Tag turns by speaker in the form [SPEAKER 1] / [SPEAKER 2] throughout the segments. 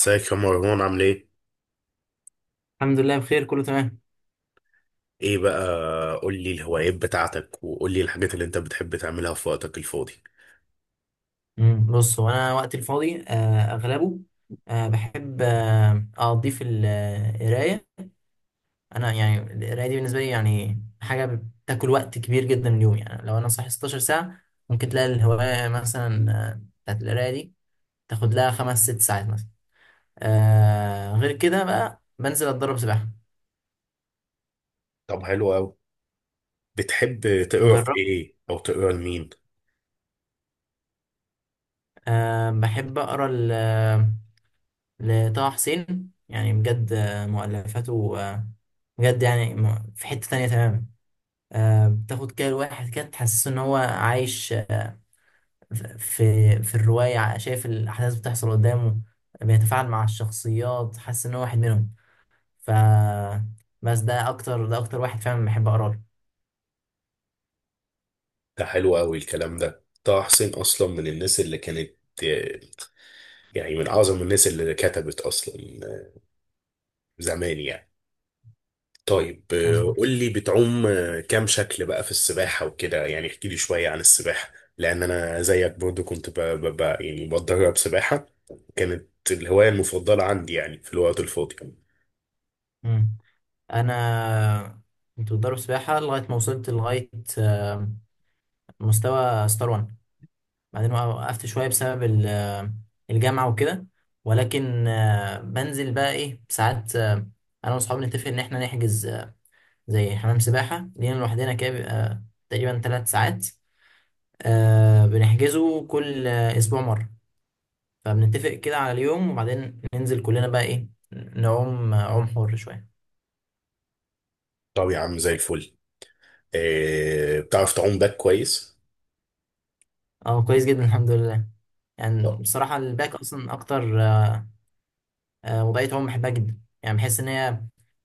[SPEAKER 1] ازيك يا مروان عامل ايه؟
[SPEAKER 2] الحمد لله بخير كله تمام.
[SPEAKER 1] ايه بقى، قول لي الهوايات بتاعتك وقول لي الحاجات اللي انت بتحب تعملها في وقتك الفاضي.
[SPEAKER 2] بص هو انا وقت الفاضي اغلبه، بحب اقضيه في القرايه. انا يعني القرايه دي بالنسبه لي يعني حاجه بتاكل وقت كبير جدا من اليوم، يعني لو انا صاحي 16 ساعه ممكن تلاقي الهوايه مثلا بتاعت القرايه دي تاخد لها خمس ست ساعات مثلا. غير كده بقى بنزل اتدرب سباحه.
[SPEAKER 1] طب حلو قوي. بتحب تقرا في
[SPEAKER 2] جرب.
[SPEAKER 1] ايه او تقرا لمين؟
[SPEAKER 2] أه، بحب اقرا لطه حسين يعني بجد مؤلفاته بجد يعني في حتة تانية تماما. بتاخد كده الواحد كده تحسسه ان هو عايش في الرواية شايف الأحداث بتحصل قدامه، بيتفاعل مع الشخصيات حاسس ان هو واحد منهم. ف بس ده اكتر واحد فعلا بحب اقرا له.
[SPEAKER 1] ده حلو قوي الكلام ده. طه حسين اصلا من الناس اللي كانت، آه، يعني من اعظم الناس اللي كتبت اصلا، آه، زمان يعني. طيب، قول
[SPEAKER 2] مظبوط.
[SPEAKER 1] لي بتعوم، كام شكل بقى في السباحة وكده، يعني احكي لي شوية عن السباحة، لأن أنا زيك برضو كنت يعني بتدرب سباحة. كانت الهواية المفضلة عندي يعني في الوقت الفاضي.
[SPEAKER 2] مم. انا كنت بتدرب سباحة لغاية ما وصلت لغاية آه، مستوى ستار 1. بعدين وقفت شوية بسبب الجامعة وكده، ولكن بنزل بقى ايه ساعات، انا واصحابي نتفق ان احنا نحجز زي حمام سباحة لينا لوحدنا كده بيبقى تقريبا 3 ساعات. بنحجزه كل اسبوع مرة. فبنتفق كده على اليوم وبعدين ننزل كلنا بقى ايه نعوم عوم حر شوية.
[SPEAKER 1] طب يا عم زي الفل. بتعرف تعوم باك كويس؟
[SPEAKER 2] اه، كويس جدا الحمد لله. يعني
[SPEAKER 1] لا.
[SPEAKER 2] بصراحة الباك اصلا اكتر، وبقيت عموما بحبها جدا يعني بحس ان هي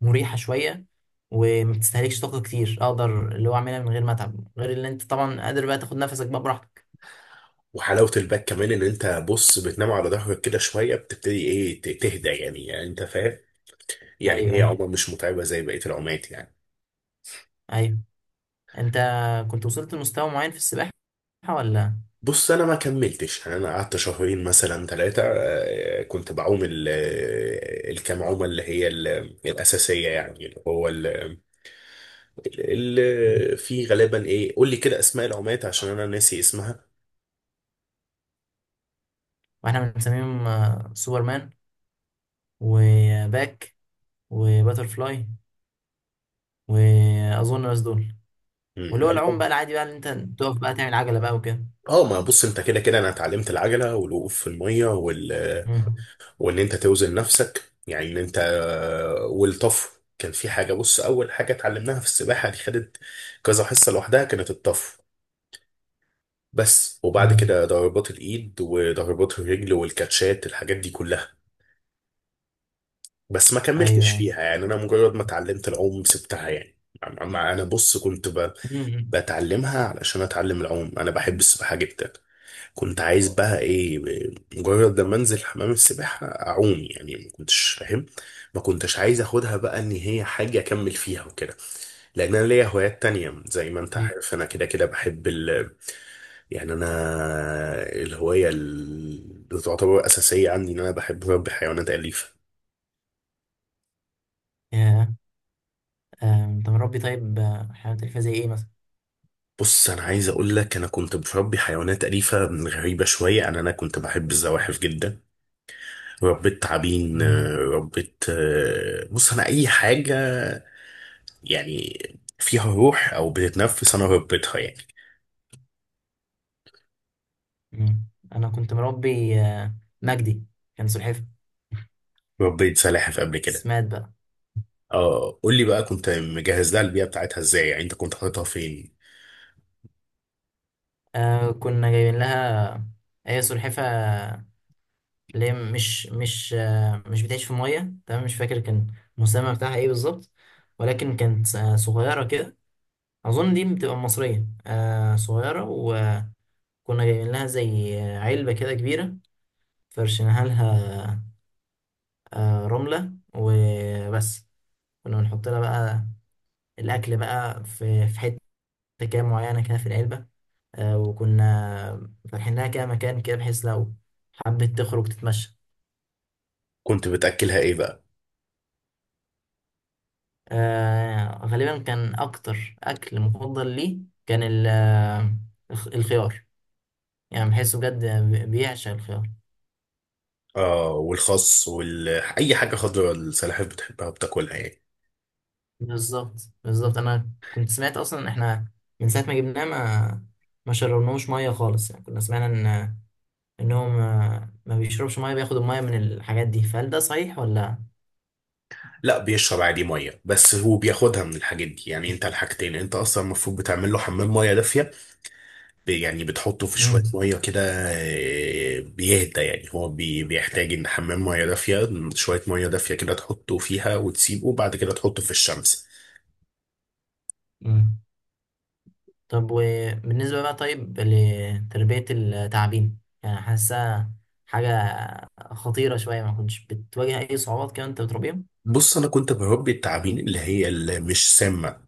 [SPEAKER 2] مريحه شويه، وما بتستهلكش طاقه كتير اقدر اللي هو اعملها من غير ما اتعب غير اللي انت طبعا قادر بقى تاخد نفسك بقى براحتك.
[SPEAKER 1] وحلاوة الباك كمان إن أنت بص بتنام على ظهرك كده شوية بتبتدي إيه، تهدى يعني، يعني أنت فاهم، يعني
[SPEAKER 2] ايوه،
[SPEAKER 1] هي
[SPEAKER 2] ايوه.
[SPEAKER 1] عومة مش متعبة زي بقية العومات يعني.
[SPEAKER 2] ايوه، انت كنت وصلت لمستوى معين في السباحه ولا؟
[SPEAKER 1] بص انا ما كملتش يعني، انا قعدت شهرين مثلا ثلاثه. كنت بعوم الكام عومه اللي هي الاساسيه يعني، اللي هو اللي في غالبا ايه، قول لي كده اسماء العومات عشان انا ناسي اسمها.
[SPEAKER 2] واحنا بنسميهم سوبرمان وباك وباترفلاي واظن بس دول.
[SPEAKER 1] مم،
[SPEAKER 2] واللي هو
[SPEAKER 1] غالبا.
[SPEAKER 2] العوم بقى العادي بقى اللي انت تقف بقى تعمل عجله بقى وكده.
[SPEAKER 1] اه ما بص انت كده كده انا اتعلمت العجله والوقوف في الميه وال آه،
[SPEAKER 2] مم.
[SPEAKER 1] وان انت توزن نفسك، يعني ان انت، والطفو كان في حاجه. بص اول حاجه اتعلمناها في السباحه دي خدت كذا حصه لوحدها، كانت الطفو. بس وبعد
[SPEAKER 2] مم.
[SPEAKER 1] كده ضربات الايد وضربات الرجل والكاتشات الحاجات دي كلها. بس ما
[SPEAKER 2] ايوه،
[SPEAKER 1] كملتش
[SPEAKER 2] ايوه.
[SPEAKER 1] فيها يعني، انا مجرد ما اتعلمت العوم سبتها يعني. أما انا بص كنت
[SPEAKER 2] مم.
[SPEAKER 1] بتعلمها علشان اتعلم العوم. انا بحب السباحه جدا، كنت عايز بقى ايه، مجرد لما انزل حمام السباحه اعوم يعني. ما كنتش فاهم، ما كنتش عايز اخدها بقى ان هي حاجه اكمل فيها وكده، لان انا ليا هوايات تانية زي ما انت
[SPEAKER 2] مم.
[SPEAKER 1] عارف، انا كده كده بحب يعني. انا الهوايه اللي تعتبر اساسيه عندي ان انا بحب اربي حيوانات اليفه.
[SPEAKER 2] أيوة. أنت مربي طيب، حيوانات أليفة زي إيه مثلا؟
[SPEAKER 1] بص انا عايز اقول لك انا كنت بربي حيوانات اليفه من غريبه شويه. انا كنت بحب الزواحف جدا. ربيت تعابين،
[SPEAKER 2] مم.
[SPEAKER 1] ربيت، بص انا اي حاجه يعني فيها روح او بتتنفس انا ربيتها يعني.
[SPEAKER 2] مم. أنا كنت مربي مجدي، كان سلحفة.
[SPEAKER 1] ربيت سلاحف قبل
[SPEAKER 2] بس
[SPEAKER 1] كده.
[SPEAKER 2] مات بقى.
[SPEAKER 1] اه قول لي بقى، كنت مجهز لها البيئه بتاعتها ازاي، يعني انت كنت حاططها فين؟
[SPEAKER 2] كنا جايبين لها، هي سلحفة اللي هي مش بتعيش في مية. تمام، مش فاكر كان المسمى بتاعها إيه بالظبط، ولكن كانت صغيرة كده. أظن دي بتبقى مصرية صغيرة، وكنا جايبين لها زي علبة كده كبيرة، فرشناها لها رملة وبس. كنا بنحط لها بقى الاكل بقى في حته كده معينه كده في العلبه، وكنا فاتحين لها كده مكان كده بحيث لو حبيت تخرج تتمشى.
[SPEAKER 1] كنت بتاكلها ايه بقى؟
[SPEAKER 2] غالبا كان اكتر اكل مفضل ليه كان الخيار، يعني بحسه بجد بيعشق الخيار.
[SPEAKER 1] اه والخس وال اي حاجه خضراء السلاحف بتحبها بتاكلها يعني.
[SPEAKER 2] بالظبط بالظبط، انا كنت سمعت اصلا ان احنا من ساعه ما جبناه ما شربناهوش ميه خالص، يعني كنا سمعنا ان انهم ما بيشربش ميه بياخدوا الميه من الحاجات دي. فهل ده صحيح ولا؟
[SPEAKER 1] لا بيشرب عادي ميه، بس هو بياخدها من الحاجات دي يعني. انت الحاجتين، انت اصلا المفروض بتعمل له حمام ميه دافيه، يعني بتحطه في شويه ميه كده، بيهدى يعني. هو بيحتاج ان حمام ميه دافيه، شويه ميه دافيه كده تحطه فيها وتسيبه، وبعد كده تحطه في الشمس.
[SPEAKER 2] مم. طب وبالنسبة بقى، طيب لتربية التعابين يعني حاسة حاجة خطيرة شوية، ما كنتش بتواجه أي صعوبات كده أنت بتربيهم؟
[SPEAKER 1] بص انا كنت بربي التعابين اللي هي اللي مش سامه.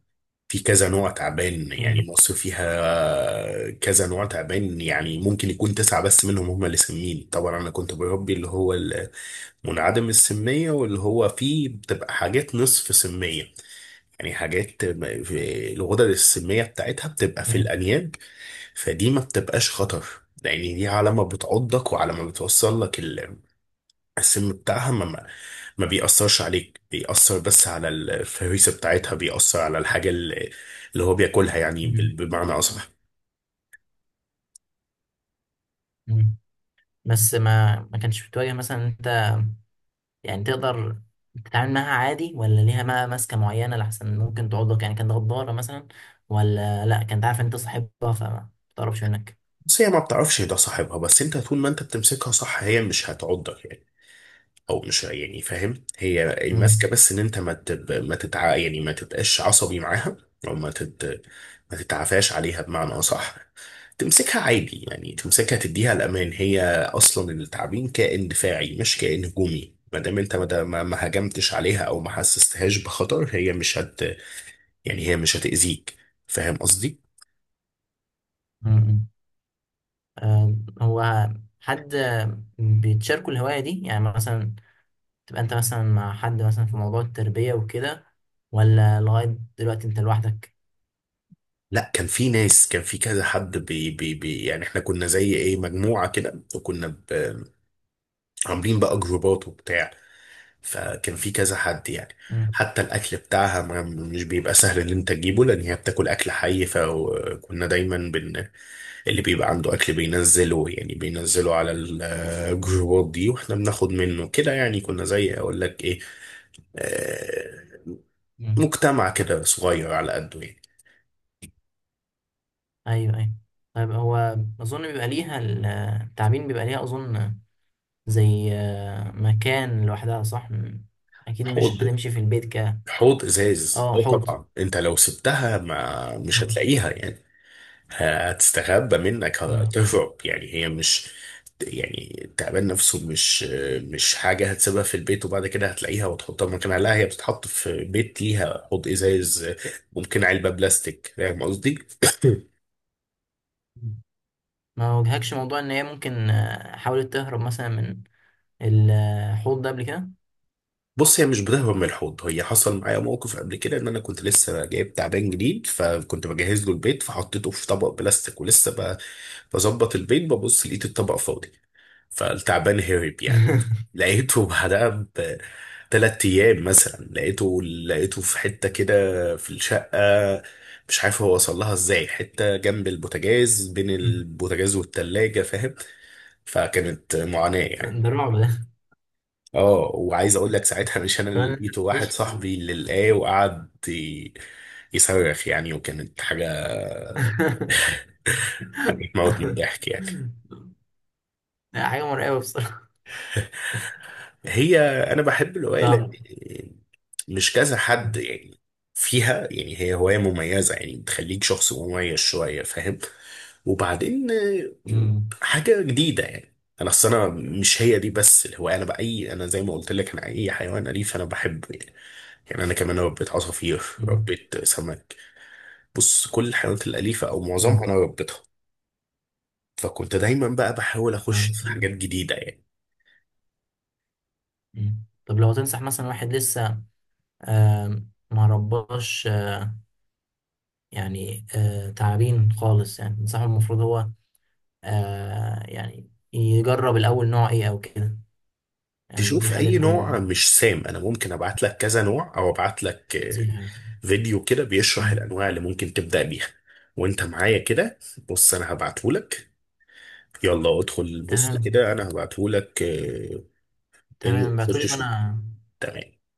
[SPEAKER 1] في كذا نوع تعبان يعني،
[SPEAKER 2] مم.
[SPEAKER 1] مصر فيها كذا نوع تعبان، يعني ممكن يكون تسعة بس منهم هم اللي سمين. طبعا أنا كنت بربي اللي هو منعدم السمية، واللي هو فيه بتبقى حاجات نصف سمية، يعني حاجات الغدد السمية بتاعتها بتبقى في
[SPEAKER 2] مم.
[SPEAKER 1] الأنياب. فدي ما بتبقاش خطر، لأن دي على ما بتعضك وعلى ما بتوصل لك السم بتاعها، ما بيأثرش عليك، بيأثر بس على الفريسة بتاعتها، بيأثر على الحاجة اللي هو بياكلها يعني،
[SPEAKER 2] مم.
[SPEAKER 1] بمعنى أصح.
[SPEAKER 2] مم. بس ما كانش بتواجه مثلا أنت، يعني تقدر تتعامل معاها عادي ولا ليها بقى ماسكة معينة لحسن ممكن تعضك، يعني كانت غدارة مثلا ولا لأ كانت عارفة أنت صاحبها فما بتقربش منك؟
[SPEAKER 1] بس هي ما بتعرفش ده صاحبها، بس انت طول ما انت بتمسكها صح هي مش هتعضك يعني، او مش يعني فاهم، هي الماسكه
[SPEAKER 2] مم.
[SPEAKER 1] بس ان انت ما تتع، يعني ما تبقاش عصبي معاها، او ما تتعافاش عليها بمعنى اصح. تمسكها عادي يعني، تمسكها تديها الامان. هي اصلا التعبين كائن دفاعي مش كائن هجومي، ما دام انت ما هجمتش عليها او ما حسستهاش بخطر هي مش هت، يعني هي مش هتأذيك، فاهم قصدي؟
[SPEAKER 2] مم. هو حد بيتشاركوا الهواية دي يعني مثلا تبقى انت مثلا مع حد مثلا في موضوع التربية وكده، ولا لغاية دلوقتي انت لوحدك؟
[SPEAKER 1] لا كان في ناس، كان في كذا حد بي بي بي يعني احنا كنا زي ايه مجموعه كده، وكنا عاملين بقى جروبات وبتاع، فكان في كذا حد يعني.
[SPEAKER 2] مم.
[SPEAKER 1] حتى الاكل بتاعها ما مش بيبقى سهل ان انت تجيبه، لان هي بتاكل اكل حي، فكنا دايما اللي بيبقى عنده اكل بينزله يعني، بينزله على الجروبات دي، واحنا بناخد منه كده يعني. كنا زي اقول لك ايه، آه،
[SPEAKER 2] مم.
[SPEAKER 1] مجتمع كده صغير على قده يعني.
[SPEAKER 2] ايوه، ايوه. طيب هو اظن بيبقى ليها التعبين بيبقى ليها اظن زي مكان لوحدها، صح؟ اكيد مش
[SPEAKER 1] حوض،
[SPEAKER 2] هتمشي في البيت.
[SPEAKER 1] حوض ازاز.
[SPEAKER 2] اه،
[SPEAKER 1] اه
[SPEAKER 2] حوض.
[SPEAKER 1] طبعا انت لو سبتها ما مش
[SPEAKER 2] مم.
[SPEAKER 1] هتلاقيها يعني، هتستخبى منك
[SPEAKER 2] مم.
[SPEAKER 1] هتهرب، يعني هي مش، يعني التعبان نفسه مش، مش حاجة هتسيبها في البيت وبعد كده هتلاقيها وتحطها مكانها، لا هي بتتحط في بيت ليها، حوض إزاز، ممكن علبة بلاستيك، فاهم قصدي؟
[SPEAKER 2] ما واجهكش موضوع ان هي ممكن حاولت تهرب مثلا من الحوض ده قبل كده؟
[SPEAKER 1] بص هي مش بتهرب من الحوض. هي حصل معايا موقف قبل كده، ان انا كنت لسه جايب تعبان جديد، فكنت بجهز له البيت، فحطيته في طبق بلاستيك، ولسه بظبط البيت، ببص لقيت الطبق فاضي، فالتعبان هرب يعني. لقيته بعدها بثلاث ايام مثلا، لقيته في حته كده في الشقه، مش عارف هو وصل لها ازاي، حته جنب البوتاجاز، بين البوتاجاز والتلاجه، فاهم؟ فكانت معاناه يعني.
[SPEAKER 2] ده رعب ده،
[SPEAKER 1] اه وعايز اقول لك ساعتها، مش انا اللي
[SPEAKER 2] كمان إنت
[SPEAKER 1] لقيته، واحد
[SPEAKER 2] تعيش.
[SPEAKER 1] صاحبي اللي لقاه، وقعد يصرخ يعني، وكانت حاجه، حاجه تموت من الضحك يعني.
[SPEAKER 2] لا، حاجة مرعبة بصراحة.
[SPEAKER 1] هي انا بحب الروايه
[SPEAKER 2] نعم.
[SPEAKER 1] مش كذا حد
[SPEAKER 2] مم.
[SPEAKER 1] يعني فيها يعني، هي هواية مميزة يعني، بتخليك شخص مميز شوية، فاهم؟ وبعدين، حاجة جديدة يعني. انا اصل انا مش هي دي بس الهواية، انا بأي، انا زي ما قلت لك انا اي حيوان اليف انا بحبه يعني، يعني انا كمان ربيت عصافير،
[SPEAKER 2] مم.
[SPEAKER 1] ربيت سمك. بص كل الحيوانات الاليفة او معظمها
[SPEAKER 2] مم.
[SPEAKER 1] انا ربيتها، فكنت دايما بقى بحاول اخش في حاجات
[SPEAKER 2] أيوة.
[SPEAKER 1] جديدة يعني.
[SPEAKER 2] مم. طب لو تنصح مثلا واحد لسه ما رباش يعني تعابين خالص يعني تنصحه المفروض هو يعني يجرب الأول نوع إيه أو كده، يعني دي
[SPEAKER 1] تشوف
[SPEAKER 2] خليها
[SPEAKER 1] اي نوع
[SPEAKER 2] تكون
[SPEAKER 1] مش سام، انا ممكن ابعت لك كذا نوع، او ابعت لك
[SPEAKER 2] نصيحة يعني.
[SPEAKER 1] فيديو كده بيشرح
[SPEAKER 2] مم.
[SPEAKER 1] الانواع اللي ممكن تبدا بيها، وانت معايا كده. بص انا هبعتهولك، يلا ادخل بص
[SPEAKER 2] تمام،
[SPEAKER 1] كده، انا هبعتهولك،
[SPEAKER 2] تمام، بعتولي
[SPEAKER 1] خش شوف.
[SPEAKER 2] وأنا.
[SPEAKER 1] تمام.